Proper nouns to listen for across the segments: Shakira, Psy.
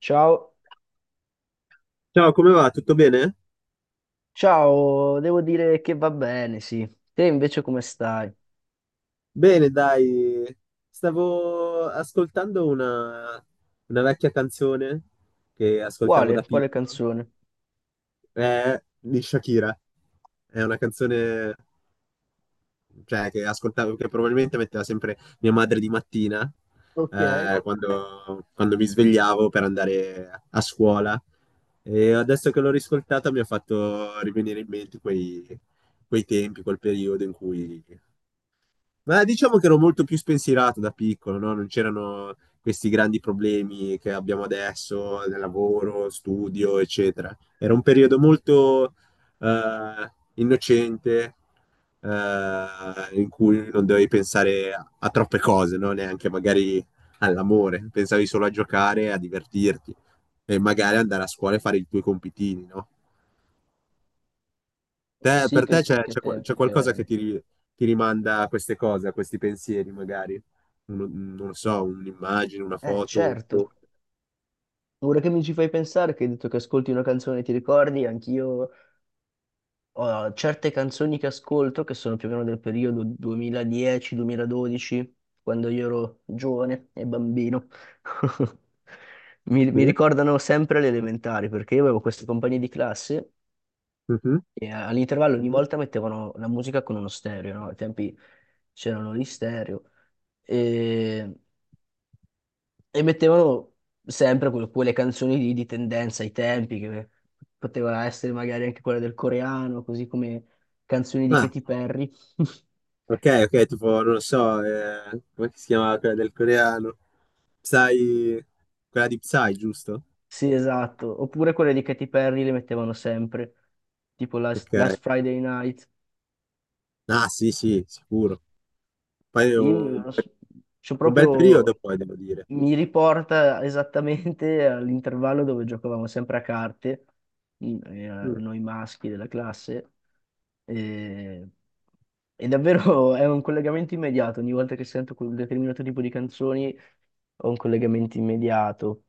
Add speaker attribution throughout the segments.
Speaker 1: Ciao,
Speaker 2: Ciao, come va? Tutto bene?
Speaker 1: ciao, devo dire che va bene, sì. Te invece come stai?
Speaker 2: Bene, dai, stavo ascoltando una vecchia canzone che ascoltavo
Speaker 1: Quale?
Speaker 2: da
Speaker 1: Quale
Speaker 2: piccolo,
Speaker 1: canzone?
Speaker 2: è di Shakira. È una canzone, cioè, che ascoltavo, che probabilmente metteva sempre mia madre di mattina,
Speaker 1: Ok.
Speaker 2: quando mi svegliavo per andare a scuola. E adesso che l'ho riscoltata mi ha fatto rivenire in mente quei tempi, quel periodo in cui... Ma diciamo che ero molto più spensierato da piccolo, no? Non c'erano questi grandi problemi che abbiamo adesso, del lavoro, studio, eccetera. Era un periodo molto innocente, eh, in cui non dovevi pensare a troppe cose, no? Neanche magari all'amore, pensavi solo a giocare, a divertirti e
Speaker 1: Oh
Speaker 2: magari
Speaker 1: sì,
Speaker 2: andare a scuola e fare i tuoi compitini, no?
Speaker 1: oh, sì,
Speaker 2: Per te
Speaker 1: che,
Speaker 2: c'è
Speaker 1: che
Speaker 2: c'è c'è
Speaker 1: tempi che
Speaker 2: qualcosa che
Speaker 1: erano.
Speaker 2: ti rimanda a queste cose, a questi pensieri, magari? Non lo so, un'immagine, una foto,
Speaker 1: Certo.
Speaker 2: boh.
Speaker 1: Ora che mi ci fai pensare, che hai detto che ascolti una canzone e ti ricordi, anch'io ho certe canzoni che ascolto che sono più o meno del periodo 2010-2012, quando io ero giovane e bambino. Mi,
Speaker 2: Sì?
Speaker 1: mi ricordano sempre le elementari, perché io avevo queste compagnie di classe.
Speaker 2: Mhm.
Speaker 1: E all'intervallo ogni volta mettevano la musica con uno stereo, no? Ai tempi c'erano gli stereo, e, e mettevano sempre quelle canzoni lì di tendenza ai tempi, che poteva essere magari anche quella del coreano, così come canzoni di
Speaker 2: Ah,
Speaker 1: Katy Perry.
Speaker 2: ok, ok, tipo, non lo so, come si chiama quella del coreano? Psy, quella di Psy, giusto?
Speaker 1: Sì, esatto. Oppure quelle di Katy Perry le mettevano sempre, tipo
Speaker 2: Ok.
Speaker 1: Last Friday Night.
Speaker 2: Ah, sì, sì, sicuro. Poi è
Speaker 1: Io
Speaker 2: un,
Speaker 1: non so- Cioè,
Speaker 2: un bel periodo,
Speaker 1: proprio
Speaker 2: poi, devo dire.
Speaker 1: mi riporta esattamente all'intervallo dove giocavamo sempre a carte,
Speaker 2: Mm.
Speaker 1: noi maschi della classe, e, e davvero è un collegamento immediato, ogni volta che sento quel determinato tipo di canzoni ho un collegamento immediato.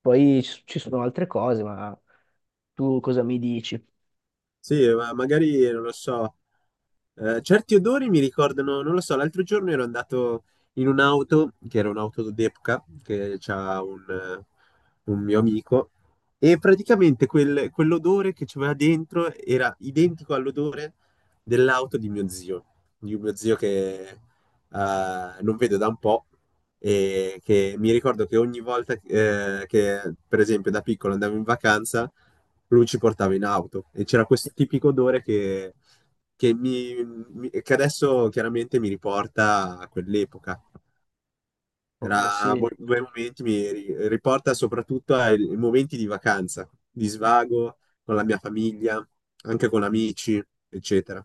Speaker 1: Poi ci sono altre cose, ma tu cosa mi dici?
Speaker 2: Sì, ma magari non lo so. Certi odori mi ricordano, non lo so, l'altro giorno ero andato in un'auto, che era un'auto d'epoca, che c'ha un mio amico, e praticamente quell'odore che c'era dentro era identico all'odore dell'auto di mio zio, di un mio zio che non vedo da un po', e che mi ricordo che ogni volta che, per esempio, da piccolo andavo in vacanza, lui ci portava in auto e c'era questo tipico odore che che adesso chiaramente mi riporta a quell'epoca.
Speaker 1: Oh
Speaker 2: Era
Speaker 1: sì,
Speaker 2: bei momenti, mi riporta soprattutto ai ai momenti di vacanza, di svago con la mia famiglia, anche con amici, eccetera.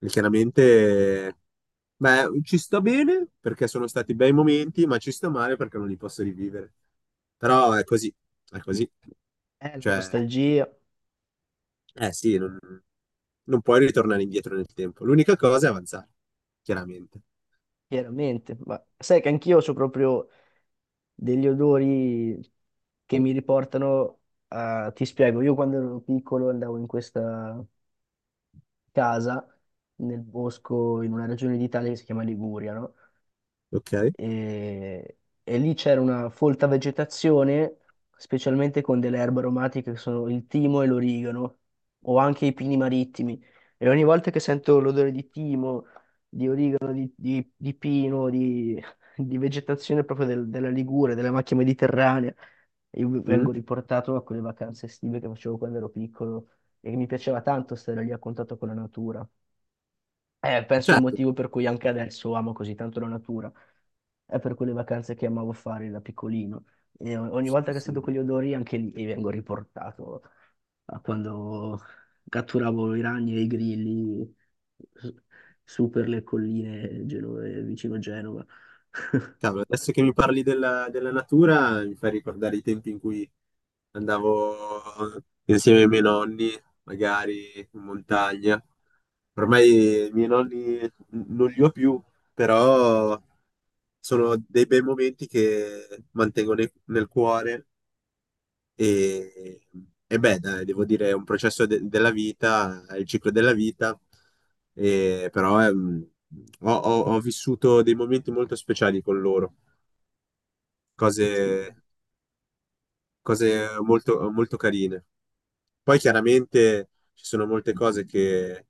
Speaker 2: E chiaramente, beh, ci sto bene perché sono stati bei momenti, ma ci sto male perché non li posso rivivere. Però è così, è così.
Speaker 1: è la
Speaker 2: Cioè,
Speaker 1: nostalgia,
Speaker 2: eh sì, non puoi ritornare indietro nel tempo. L'unica cosa è avanzare, chiaramente.
Speaker 1: chiaramente, ma sai che anch'io ho proprio degli odori che mi riportano a. Ti spiego, io quando ero piccolo andavo in questa casa nel bosco in una regione d'Italia che si chiama Liguria, no?
Speaker 2: Ok?
Speaker 1: e, e lì c'era una folta vegetazione, specialmente con delle erbe aromatiche che sono il timo e l'origano, o anche i pini marittimi. E ogni volta che sento l'odore di timo, di origano, di pino, di vegetazione proprio della Ligure, della macchia mediterranea, io vengo
Speaker 2: Mm?
Speaker 1: riportato a quelle vacanze estive che facevo quando ero piccolo e mi piaceva tanto stare lì a contatto con la natura. È penso il
Speaker 2: Certo.
Speaker 1: motivo per cui anche adesso amo così tanto la natura. È per quelle vacanze che amavo fare da piccolino. E ogni volta
Speaker 2: Sì,
Speaker 1: che sento
Speaker 2: sì.
Speaker 1: quegli odori, anche lì e vengo riportato a quando catturavo i ragni e i grilli su su per le colline genove, vicino Genova.
Speaker 2: Cavolo, adesso che mi parli della natura, mi fai ricordare i tempi in cui andavo insieme ai miei nonni, magari in montagna. Ormai i miei non li ho più, però sono dei bei momenti che mantengo nel cuore e, e beh, dai, devo dire, è un della vita, è il ciclo della vita, e, però ho vissuto dei momenti molto speciali con loro, cose,
Speaker 1: Sì.
Speaker 2: cose molto, molto carine. Poi chiaramente ci sono molte cose che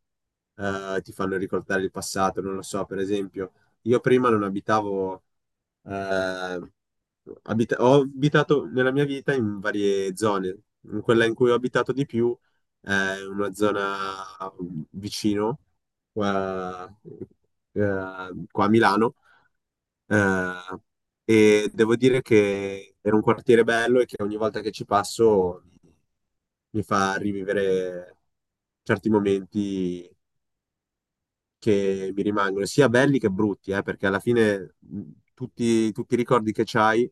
Speaker 2: ti fanno ricordare il passato, non lo so, per esempio, io prima non abitavo, eh, ho abitato nella mia vita in varie zone, in quella in cui ho abitato di più è una zona vicino, qua, qua a Milano, eh, e devo dire che era un quartiere bello e che ogni volta che ci passo mi mi fa rivivere certi momenti che mi rimangono, sia belli che brutti, perché alla fine tutti i ricordi che c'hai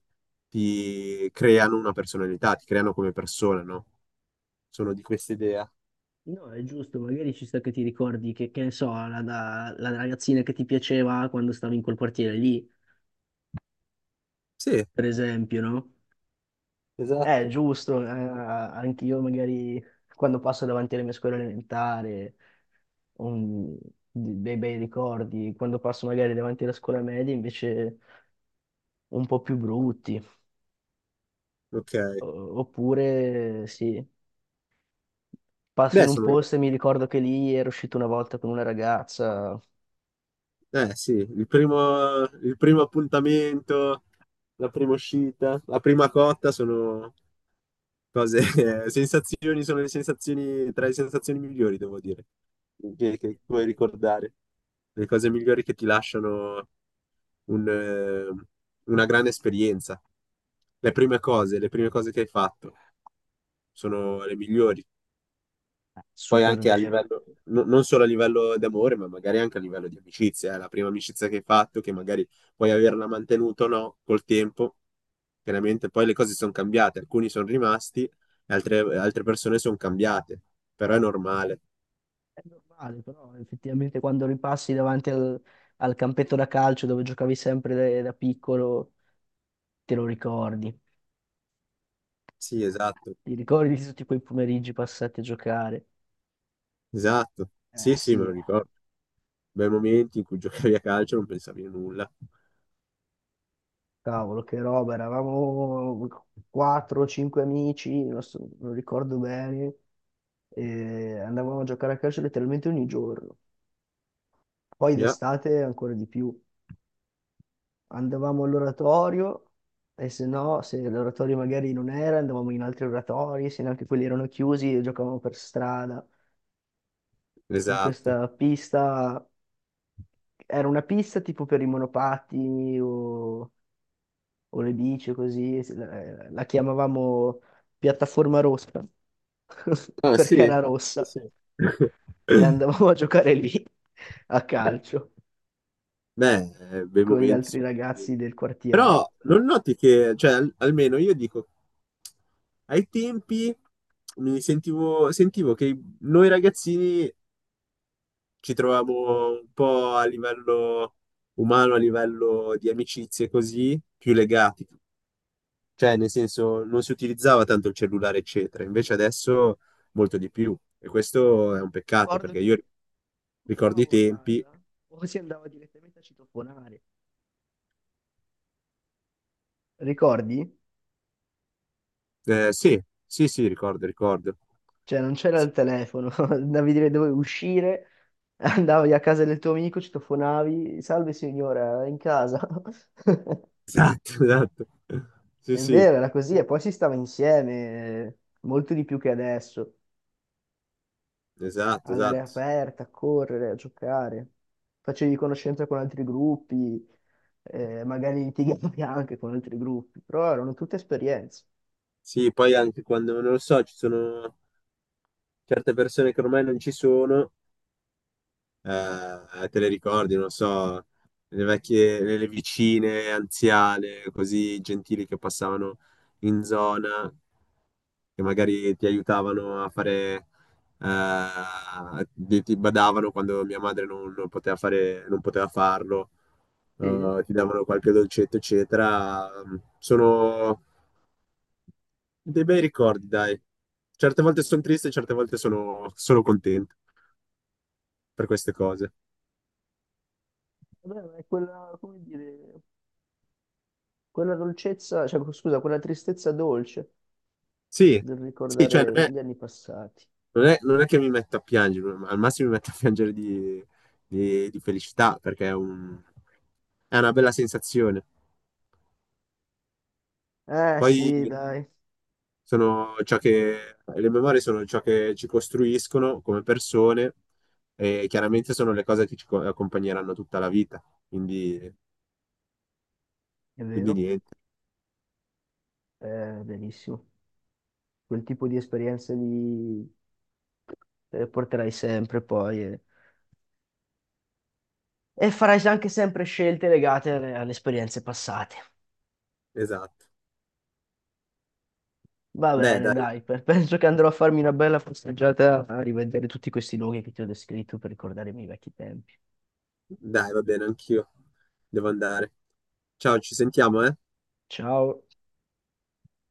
Speaker 2: ti creano una personalità, ti creano come persona, no? Sono di questa idea.
Speaker 1: No, è giusto, magari ci sta che ti ricordi che ne so, la ragazzina che ti piaceva quando stavi in quel quartiere lì,
Speaker 2: Sì,
Speaker 1: per esempio, no?
Speaker 2: esatto.
Speaker 1: Giusto, anch'io magari quando passo davanti alle mie scuole elementari ho dei bei ricordi, quando passo magari davanti alla scuola media invece un po' più brutti.
Speaker 2: Ok.
Speaker 1: Oppure sì, passo
Speaker 2: Beh,
Speaker 1: in un
Speaker 2: sono...
Speaker 1: posto e mi ricordo che lì ero uscito una volta con una ragazza,
Speaker 2: Eh sì, il primo appuntamento, la prima uscita, la prima cotta sono cose, sensazioni, sono le sensazioni, tra le sensazioni migliori, devo dire, che puoi ricordare, le cose migliori che ti lasciano un, eh, una grande esperienza. Le prime cose che hai fatto sono le migliori. Poi
Speaker 1: super
Speaker 2: anche a
Speaker 1: vero.
Speaker 2: livello, non solo a livello d'amore, ma magari anche a livello di amicizia, eh. La prima amicizia che hai fatto, che magari puoi averla mantenuta o no col tempo, chiaramente poi le cose sono cambiate. Alcuni sono rimasti, e altre persone sono cambiate, però è normale.
Speaker 1: È normale, però effettivamente quando ripassi davanti al, al campetto da calcio dove giocavi sempre da piccolo, te lo ricordi.
Speaker 2: Sì, esatto,
Speaker 1: Ti ricordi di tutti quei pomeriggi passati a giocare?
Speaker 2: esatto.
Speaker 1: Eh
Speaker 2: Sì, sì, me lo
Speaker 1: sì,
Speaker 2: ricordo. Bei momenti in cui giocavi a calcio e non pensavi a nulla.
Speaker 1: cavolo, che roba, eravamo 4-5 amici, non ricordo bene, e andavamo a giocare a calcio letteralmente ogni giorno. Poi
Speaker 2: Già,
Speaker 1: d'estate ancora di più. Andavamo all'oratorio e se no, se l'oratorio magari non era, andavamo in altri oratori, se neanche quelli erano chiusi e giocavamo per strada. In
Speaker 2: esatto.
Speaker 1: questa pista, era una pista tipo per i monopatti o le bici così, la chiamavamo piattaforma rossa,
Speaker 2: Ah,
Speaker 1: perché
Speaker 2: sì?
Speaker 1: era rossa,
Speaker 2: Sì.
Speaker 1: e andavamo a giocare lì a calcio
Speaker 2: Beh, bei
Speaker 1: con gli
Speaker 2: momenti.
Speaker 1: altri
Speaker 2: Sì.
Speaker 1: ragazzi del
Speaker 2: Però
Speaker 1: quartiere.
Speaker 2: non noti che, cioè, almeno io dico, ai tempi sentivo che noi ragazzini ci trovavamo un po' a livello umano, a livello di amicizie così, più legati. Cioè, nel senso, non si utilizzava tanto il cellulare, eccetera. Invece adesso molto di più. E questo è un peccato,
Speaker 1: Ricordo
Speaker 2: perché io
Speaker 1: che o
Speaker 2: ricordo i
Speaker 1: chiamavo a
Speaker 2: tempi.
Speaker 1: casa o si andava direttamente a citofonare. Ricordi?
Speaker 2: Sì, sì, sì, ricordo, ricordo.
Speaker 1: Cioè non c'era
Speaker 2: Sì.
Speaker 1: il telefono, andavi dire dove uscire, andavi a casa del tuo amico, citofonavi, salve signora, è in casa.
Speaker 2: Esatto, esatto. Sì,
Speaker 1: È
Speaker 2: sì,
Speaker 1: vero, era così, e poi si stava insieme, molto di più che adesso,
Speaker 2: esatto,
Speaker 1: all'aria
Speaker 2: esatto.
Speaker 1: aperta, a correre, a giocare, facevi conoscenza con altri gruppi, magari litigavi anche con altri gruppi, però erano tutte esperienze.
Speaker 2: Sì, poi anche quando non lo so, ci sono certe persone che ormai non ci sono, te le ricordi, non so, le vicine anziane, così gentili che passavano in zona, che magari ti aiutavano a fare, ti ti badavano quando mia madre non, non poteva fare, non poteva farlo,
Speaker 1: Sì.
Speaker 2: ti davano qualche dolcetto, eccetera. Sono dei bei ricordi, dai. Certe volte sono triste, certe volte sono contento per queste cose.
Speaker 1: Vabbè, ma è quella, come dire, quella dolcezza, cioè scusa, quella tristezza dolce
Speaker 2: Sì,
Speaker 1: del
Speaker 2: sì, cioè,
Speaker 1: ricordare gli anni passati.
Speaker 2: Non è che mi metto a piangere, ma al massimo mi metto a piangere di felicità perché è una bella sensazione.
Speaker 1: Eh
Speaker 2: Poi
Speaker 1: sì, dai,
Speaker 2: sono ciò le memorie sono ciò che ci costruiscono come persone e chiaramente sono le cose che ci accompagneranno tutta la vita. Quindi,
Speaker 1: è
Speaker 2: quindi
Speaker 1: vero,
Speaker 2: niente,
Speaker 1: è verissimo. Quel tipo di esperienze lì te le porterai sempre poi. E farai anche sempre scelte legate alle esperienze passate.
Speaker 2: esatto.
Speaker 1: Va
Speaker 2: Beh,
Speaker 1: bene,
Speaker 2: dai,
Speaker 1: dai, penso che andrò a farmi una bella passeggiata a rivedere tutti questi luoghi che ti ho descritto per ricordare i miei vecchi tempi.
Speaker 2: dai, va bene, anch'io devo andare. Ciao, ci sentiamo, eh?
Speaker 1: Ciao.